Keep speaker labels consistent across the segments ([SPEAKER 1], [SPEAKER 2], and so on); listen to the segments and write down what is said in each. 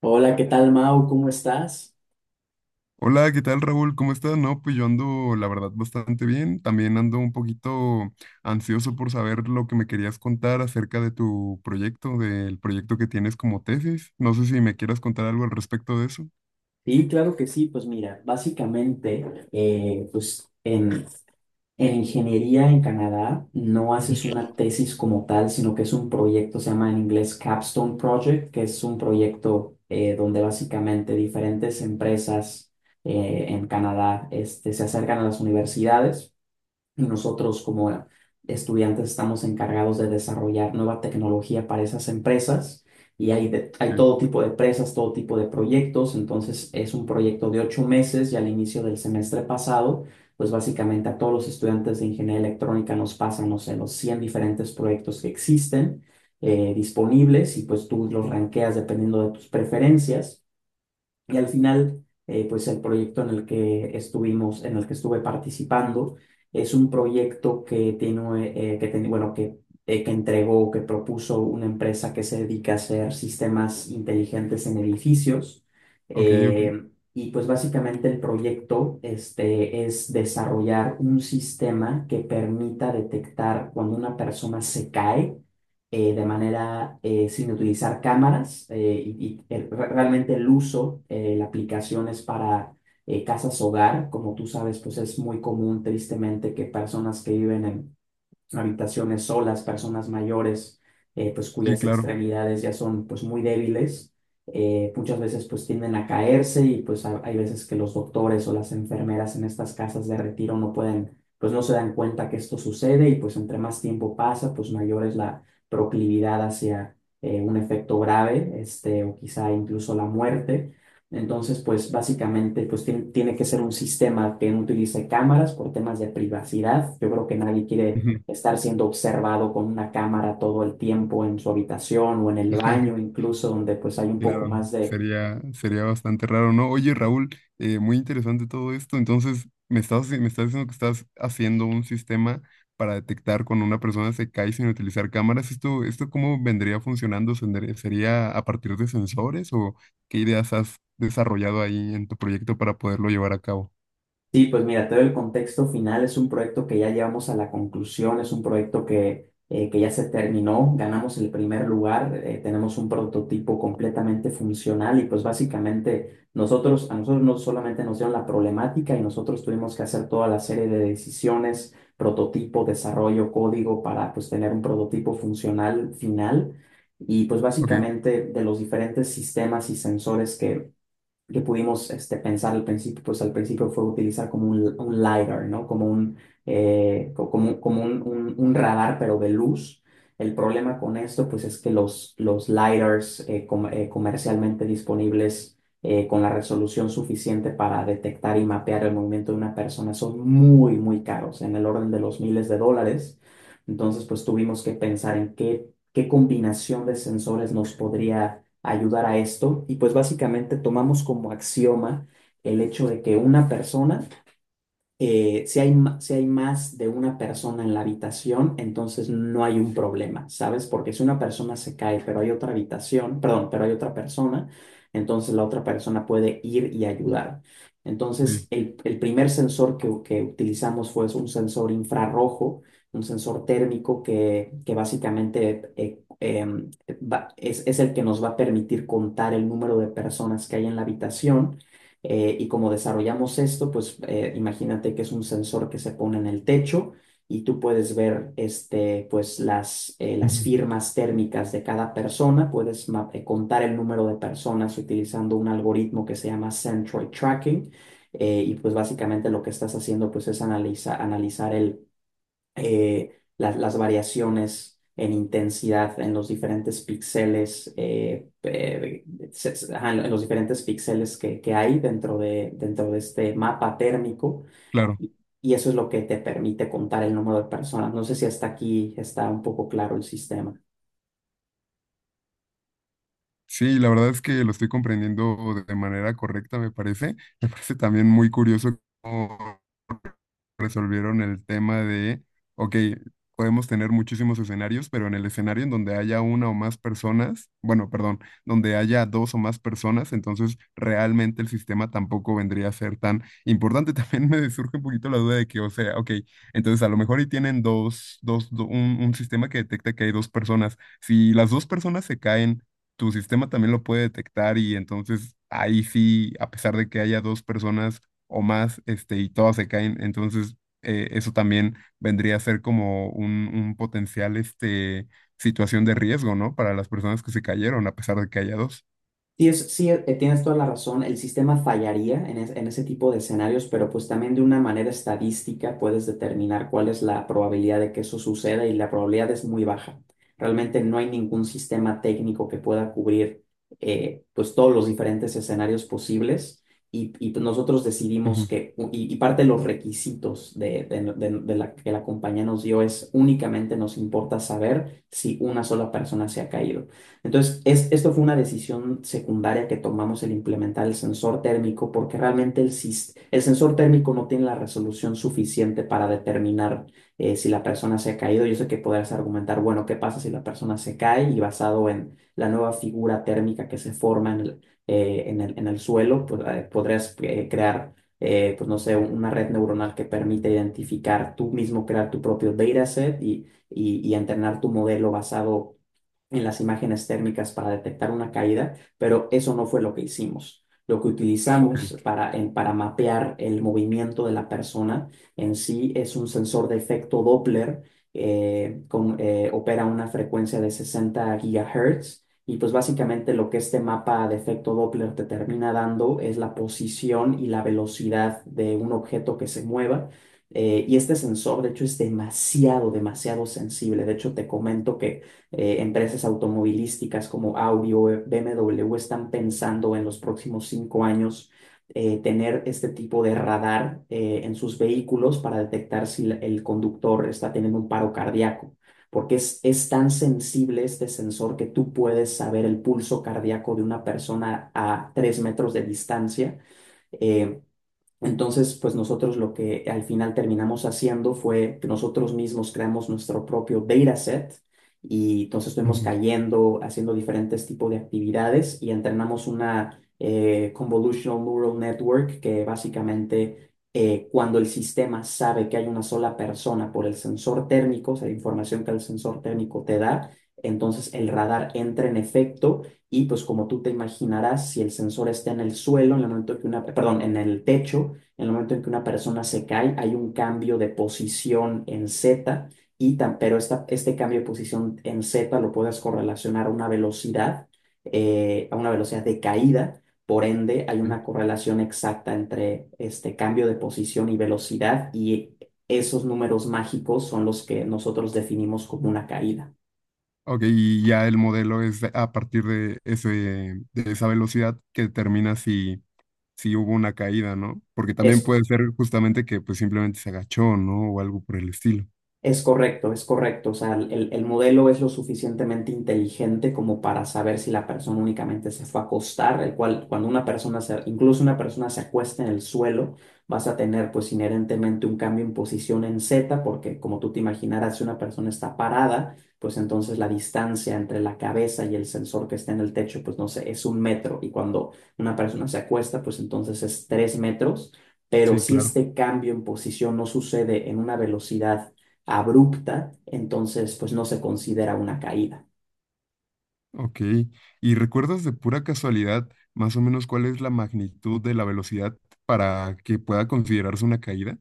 [SPEAKER 1] Hola, ¿qué tal, Mau? ¿Cómo estás?
[SPEAKER 2] Hola, ¿qué tal, Raúl? ¿Cómo estás? No, pues yo ando, la verdad, bastante bien. También ando un poquito ansioso por saber lo que me querías contar acerca de tu proyecto, del proyecto que tienes como tesis. No sé si me quieras contar algo al respecto de eso.
[SPEAKER 1] Sí, claro que sí. Pues mira, básicamente, pues en ingeniería en Canadá no haces una tesis como tal, sino que es un proyecto, se llama en inglés Capstone Project, que es un proyecto donde básicamente diferentes empresas en Canadá este, se acercan a las universidades. Y nosotros como estudiantes estamos encargados de desarrollar nueva tecnología para esas empresas, y hay
[SPEAKER 2] Ok,
[SPEAKER 1] todo tipo de empresas, todo tipo de proyectos. Entonces es un proyecto de 8 meses y al inicio del semestre pasado, pues básicamente a todos los estudiantes de ingeniería electrónica nos pasan, no sé, los 100 diferentes proyectos que existen, disponibles, y pues tú los ranqueas dependiendo de tus preferencias. Y al final, pues el proyecto en el que estuvimos, en el que estuve participando, es un proyecto que tiene, que entregó, que propuso una empresa que se dedica a hacer sistemas inteligentes en edificios.
[SPEAKER 2] ok, ok.
[SPEAKER 1] Eh, y pues básicamente el proyecto, este, es desarrollar un sistema que permita detectar cuando una persona se cae, de manera sin utilizar cámaras, realmente el uso, la aplicación es para casas hogar. Como tú sabes, pues es muy común tristemente que personas que viven en habitaciones solas, personas mayores, pues
[SPEAKER 2] Sí,
[SPEAKER 1] cuyas
[SPEAKER 2] claro.
[SPEAKER 1] extremidades ya son pues muy débiles, muchas veces pues tienden a caerse, y pues hay veces que los doctores o las enfermeras en estas casas de retiro no pueden, pues no se dan cuenta que esto sucede, y pues entre más tiempo pasa, pues mayor es la proclividad hacia un efecto grave, este, o quizá incluso la muerte. Entonces, pues básicamente, pues tiene que ser un sistema que no utilice cámaras por temas de privacidad. Yo creo que nadie quiere estar siendo observado con una cámara todo el tiempo en su habitación o en el baño, incluso donde pues hay un poco
[SPEAKER 2] Claro,
[SPEAKER 1] más de.
[SPEAKER 2] sería, sería bastante raro, ¿no? Oye, Raúl, muy interesante todo esto. Entonces, me estás diciendo que estás haciendo un sistema para detectar cuando una persona se cae sin utilizar cámaras. ¿Esto cómo vendría funcionando? ¿Sendría- ¿Sería a partir de sensores o qué ideas has desarrollado ahí en tu proyecto para poderlo llevar a cabo?
[SPEAKER 1] Sí, pues mira, te doy el contexto final. Es un proyecto que ya llevamos a la conclusión, es un proyecto que ya se terminó, ganamos el primer lugar, tenemos un prototipo completamente funcional, y pues básicamente nosotros, a nosotros no solamente nos dieron la problemática, y nosotros tuvimos que hacer toda la serie de decisiones, prototipo, desarrollo, código para pues tener un prototipo funcional final. Y pues
[SPEAKER 2] Ok,
[SPEAKER 1] básicamente de los diferentes sistemas y sensores que pudimos este, pensar al principio, pues al principio fue utilizar como un LiDAR, ¿no? Como un, un radar, pero de luz. El problema con esto, pues es que los LiDARs comercialmente disponibles con la resolución suficiente para detectar y mapear el movimiento de una persona son muy, muy caros, en el orden de los miles de dólares. Entonces, pues tuvimos que pensar en qué combinación de sensores nos podría ayudar a esto. Y pues básicamente tomamos como axioma el hecho de que una persona, si si hay más de una persona en la habitación, entonces no hay un problema, ¿sabes? Porque si una persona se cae, pero hay otra habitación, perdón, pero hay otra persona, entonces la otra persona puede ir y ayudar.
[SPEAKER 2] ok.
[SPEAKER 1] Entonces, el primer sensor que utilizamos fue un sensor infrarrojo, un sensor térmico que básicamente es el que nos va a permitir contar el número de personas que hay en la habitación, y como desarrollamos esto, pues imagínate que es un sensor que se pone en el techo y tú puedes ver este, pues, las
[SPEAKER 2] Ujú.
[SPEAKER 1] firmas térmicas de cada persona, contar el número de personas utilizando un algoritmo que se llama Centroid Tracking. Y pues básicamente lo que estás haciendo pues es analizar el las variaciones en intensidad en los diferentes píxeles, ajá, en los diferentes píxeles que hay dentro de este mapa térmico.
[SPEAKER 2] Claro.
[SPEAKER 1] Y, y eso es lo que te permite contar el número de personas. No sé si hasta aquí está un poco claro el sistema.
[SPEAKER 2] Sí, la verdad es que lo estoy comprendiendo de manera correcta, me parece. Me parece también muy curioso. Resolvieron el tema de, ok, podemos tener muchísimos escenarios, pero en el escenario en donde haya una o más personas, bueno, perdón, donde haya dos o más personas, entonces realmente el sistema tampoco vendría a ser tan importante. También me surge un poquito la duda de que, o sea, ok, entonces a lo mejor y tienen un sistema que detecta que hay dos personas. Si las dos personas se caen, tu sistema también lo puede detectar y entonces ahí sí, a pesar de que haya dos personas, o más, este, y todas se caen. Entonces, eso también vendría a ser como un potencial, este, situación de riesgo, ¿no? Para las personas que se cayeron, a pesar de que haya dos.
[SPEAKER 1] Sí, es, sí, tienes toda la razón. El sistema fallaría en ese tipo de escenarios, pero pues también de una manera estadística puedes determinar cuál es la probabilidad de que eso suceda, y la probabilidad es muy baja. Realmente no hay ningún sistema técnico que pueda cubrir, pues, todos los diferentes escenarios posibles, y pues, nosotros decidimos
[SPEAKER 2] Ujú,
[SPEAKER 1] y parte de los requisitos de la que la compañía nos dio es únicamente nos importa saber si una sola persona se ha caído. Entonces, es, esto fue una decisión secundaria que tomamos el implementar el sensor térmico, porque realmente el sensor térmico no tiene la resolución suficiente para determinar si la persona se ha caído. Yo sé que podrás argumentar, bueno, ¿qué pasa si la persona se cae? Y basado en la nueva figura térmica que se forma en en el suelo, pues, podrías crear, pues no sé, una red neuronal que permite identificar tú mismo, crear tu propio dataset, y entrenar tu modelo basado en las imágenes térmicas para detectar una caída, pero eso no fue lo que hicimos. Lo que
[SPEAKER 2] sí,
[SPEAKER 1] utilizamos para mapear el movimiento de la persona en sí es un sensor de efecto Doppler, opera a una frecuencia de 60 GHz, y pues básicamente lo que este mapa de efecto Doppler te termina dando es la posición y la velocidad de un objeto que se mueva. Y este sensor, de hecho, es demasiado, demasiado sensible. De hecho, te comento que empresas automovilísticas como Audi o BMW están pensando en los próximos 5 años tener este tipo de radar en sus vehículos para detectar si el conductor está teniendo un paro cardíaco, porque es tan sensible este sensor que tú puedes saber el pulso cardíaco de una persona a 3 metros de distancia. eh, entonces, pues nosotros lo que al final terminamos haciendo fue que nosotros mismos creamos nuestro propio dataset, y entonces fuimos
[SPEAKER 2] ujú,
[SPEAKER 1] cayendo, haciendo diferentes tipos de actividades, y entrenamos una convolutional neural network que básicamente, cuando el sistema sabe que hay una sola persona por el sensor térmico, o sea, la información que el sensor térmico te da, entonces el radar entra en efecto. Y pues como tú te imaginarás, si el sensor está en el suelo, en el momento que una, perdón, en el techo, en el momento en que una persona se cae, hay un cambio de posición en Z, y tan, pero esta, este cambio de posición en Z lo puedes correlacionar a una velocidad de caída. Por ende, hay
[SPEAKER 2] sí.
[SPEAKER 1] una correlación exacta entre este cambio de posición y velocidad, y esos números mágicos son los que nosotros definimos como una caída.
[SPEAKER 2] Ok, y ya el modelo es a partir de ese, de esa velocidad que determina si, si hubo una caída, ¿no? Porque también
[SPEAKER 1] Es
[SPEAKER 2] puede ser justamente que pues simplemente se agachó, ¿no? O algo por el estilo.
[SPEAKER 1] Es correcto, es correcto. O sea, el modelo es lo suficientemente inteligente como para saber si la persona únicamente se fue a acostar, el cual cuando una persona se, incluso una persona se acuesta en el suelo, vas a tener pues inherentemente un cambio en posición en Z, porque como tú te imaginarás, si una persona está parada, pues entonces la distancia entre la cabeza y el sensor que está en el techo, pues no sé, es 1 metro. Y cuando una persona se acuesta, pues entonces es 3 metros. Pero
[SPEAKER 2] Sí,
[SPEAKER 1] si
[SPEAKER 2] claro.
[SPEAKER 1] este cambio en posición no sucede en una velocidad abrupta, entonces pues no se considera una caída.
[SPEAKER 2] Ok, ¿y recuerdas de pura casualidad más o menos cuál es la magnitud de la velocidad para que pueda considerarse una caída?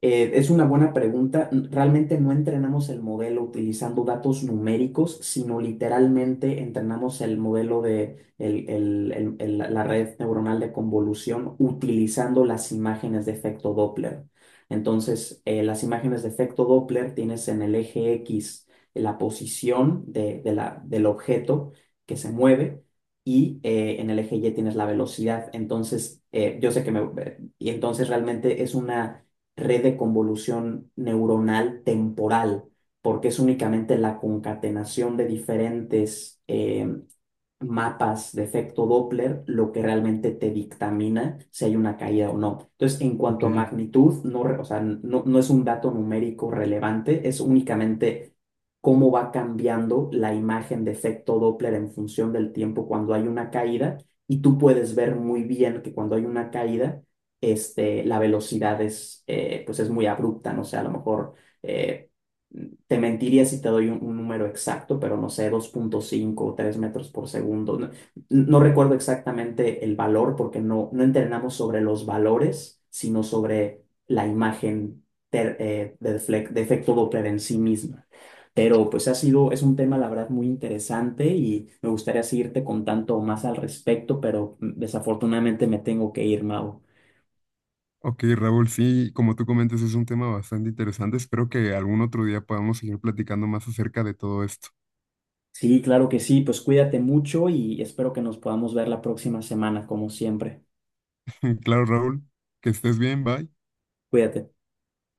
[SPEAKER 1] Es una buena pregunta. Realmente no entrenamos el modelo utilizando datos numéricos, sino literalmente entrenamos el modelo de la red neuronal de convolución utilizando las imágenes de efecto Doppler. Entonces, las imágenes de efecto Doppler tienes en el eje X la posición del objeto que se mueve, y en el eje Y tienes la velocidad. Entonces, yo sé que me... y entonces realmente es una red de convolución neuronal temporal, porque es únicamente la concatenación de diferentes mapas de efecto Doppler lo que realmente te dictamina si hay una caída o no. Entonces, en
[SPEAKER 2] Ok,
[SPEAKER 1] cuanto a magnitud, no, o sea, no, no es un dato numérico relevante, es únicamente cómo va cambiando la imagen de efecto Doppler en función del tiempo cuando hay una caída. Y tú puedes ver muy bien que cuando hay una caída, este, la velocidad es, pues es muy abrupta, no sé, o sea, a lo mejor. Eh, te mentiría si te doy un número exacto, pero no sé, 2.5 o 3 metros por segundo. No, no recuerdo exactamente el valor porque no, no entrenamos sobre los valores, sino sobre la imagen de efecto Doppler en sí misma. Pero pues ha sido, es un tema la verdad muy interesante y me gustaría seguirte contando más al respecto, pero desafortunadamente me tengo que ir, Mau.
[SPEAKER 2] ok, Raúl, sí, como tú comentas, es un tema bastante interesante. Espero que algún otro día podamos seguir platicando más acerca de todo esto.
[SPEAKER 1] Sí, claro que sí, pues cuídate mucho y espero que nos podamos ver la próxima semana, como siempre.
[SPEAKER 2] Claro, Raúl, que estés bien, bye.
[SPEAKER 1] Cuídate.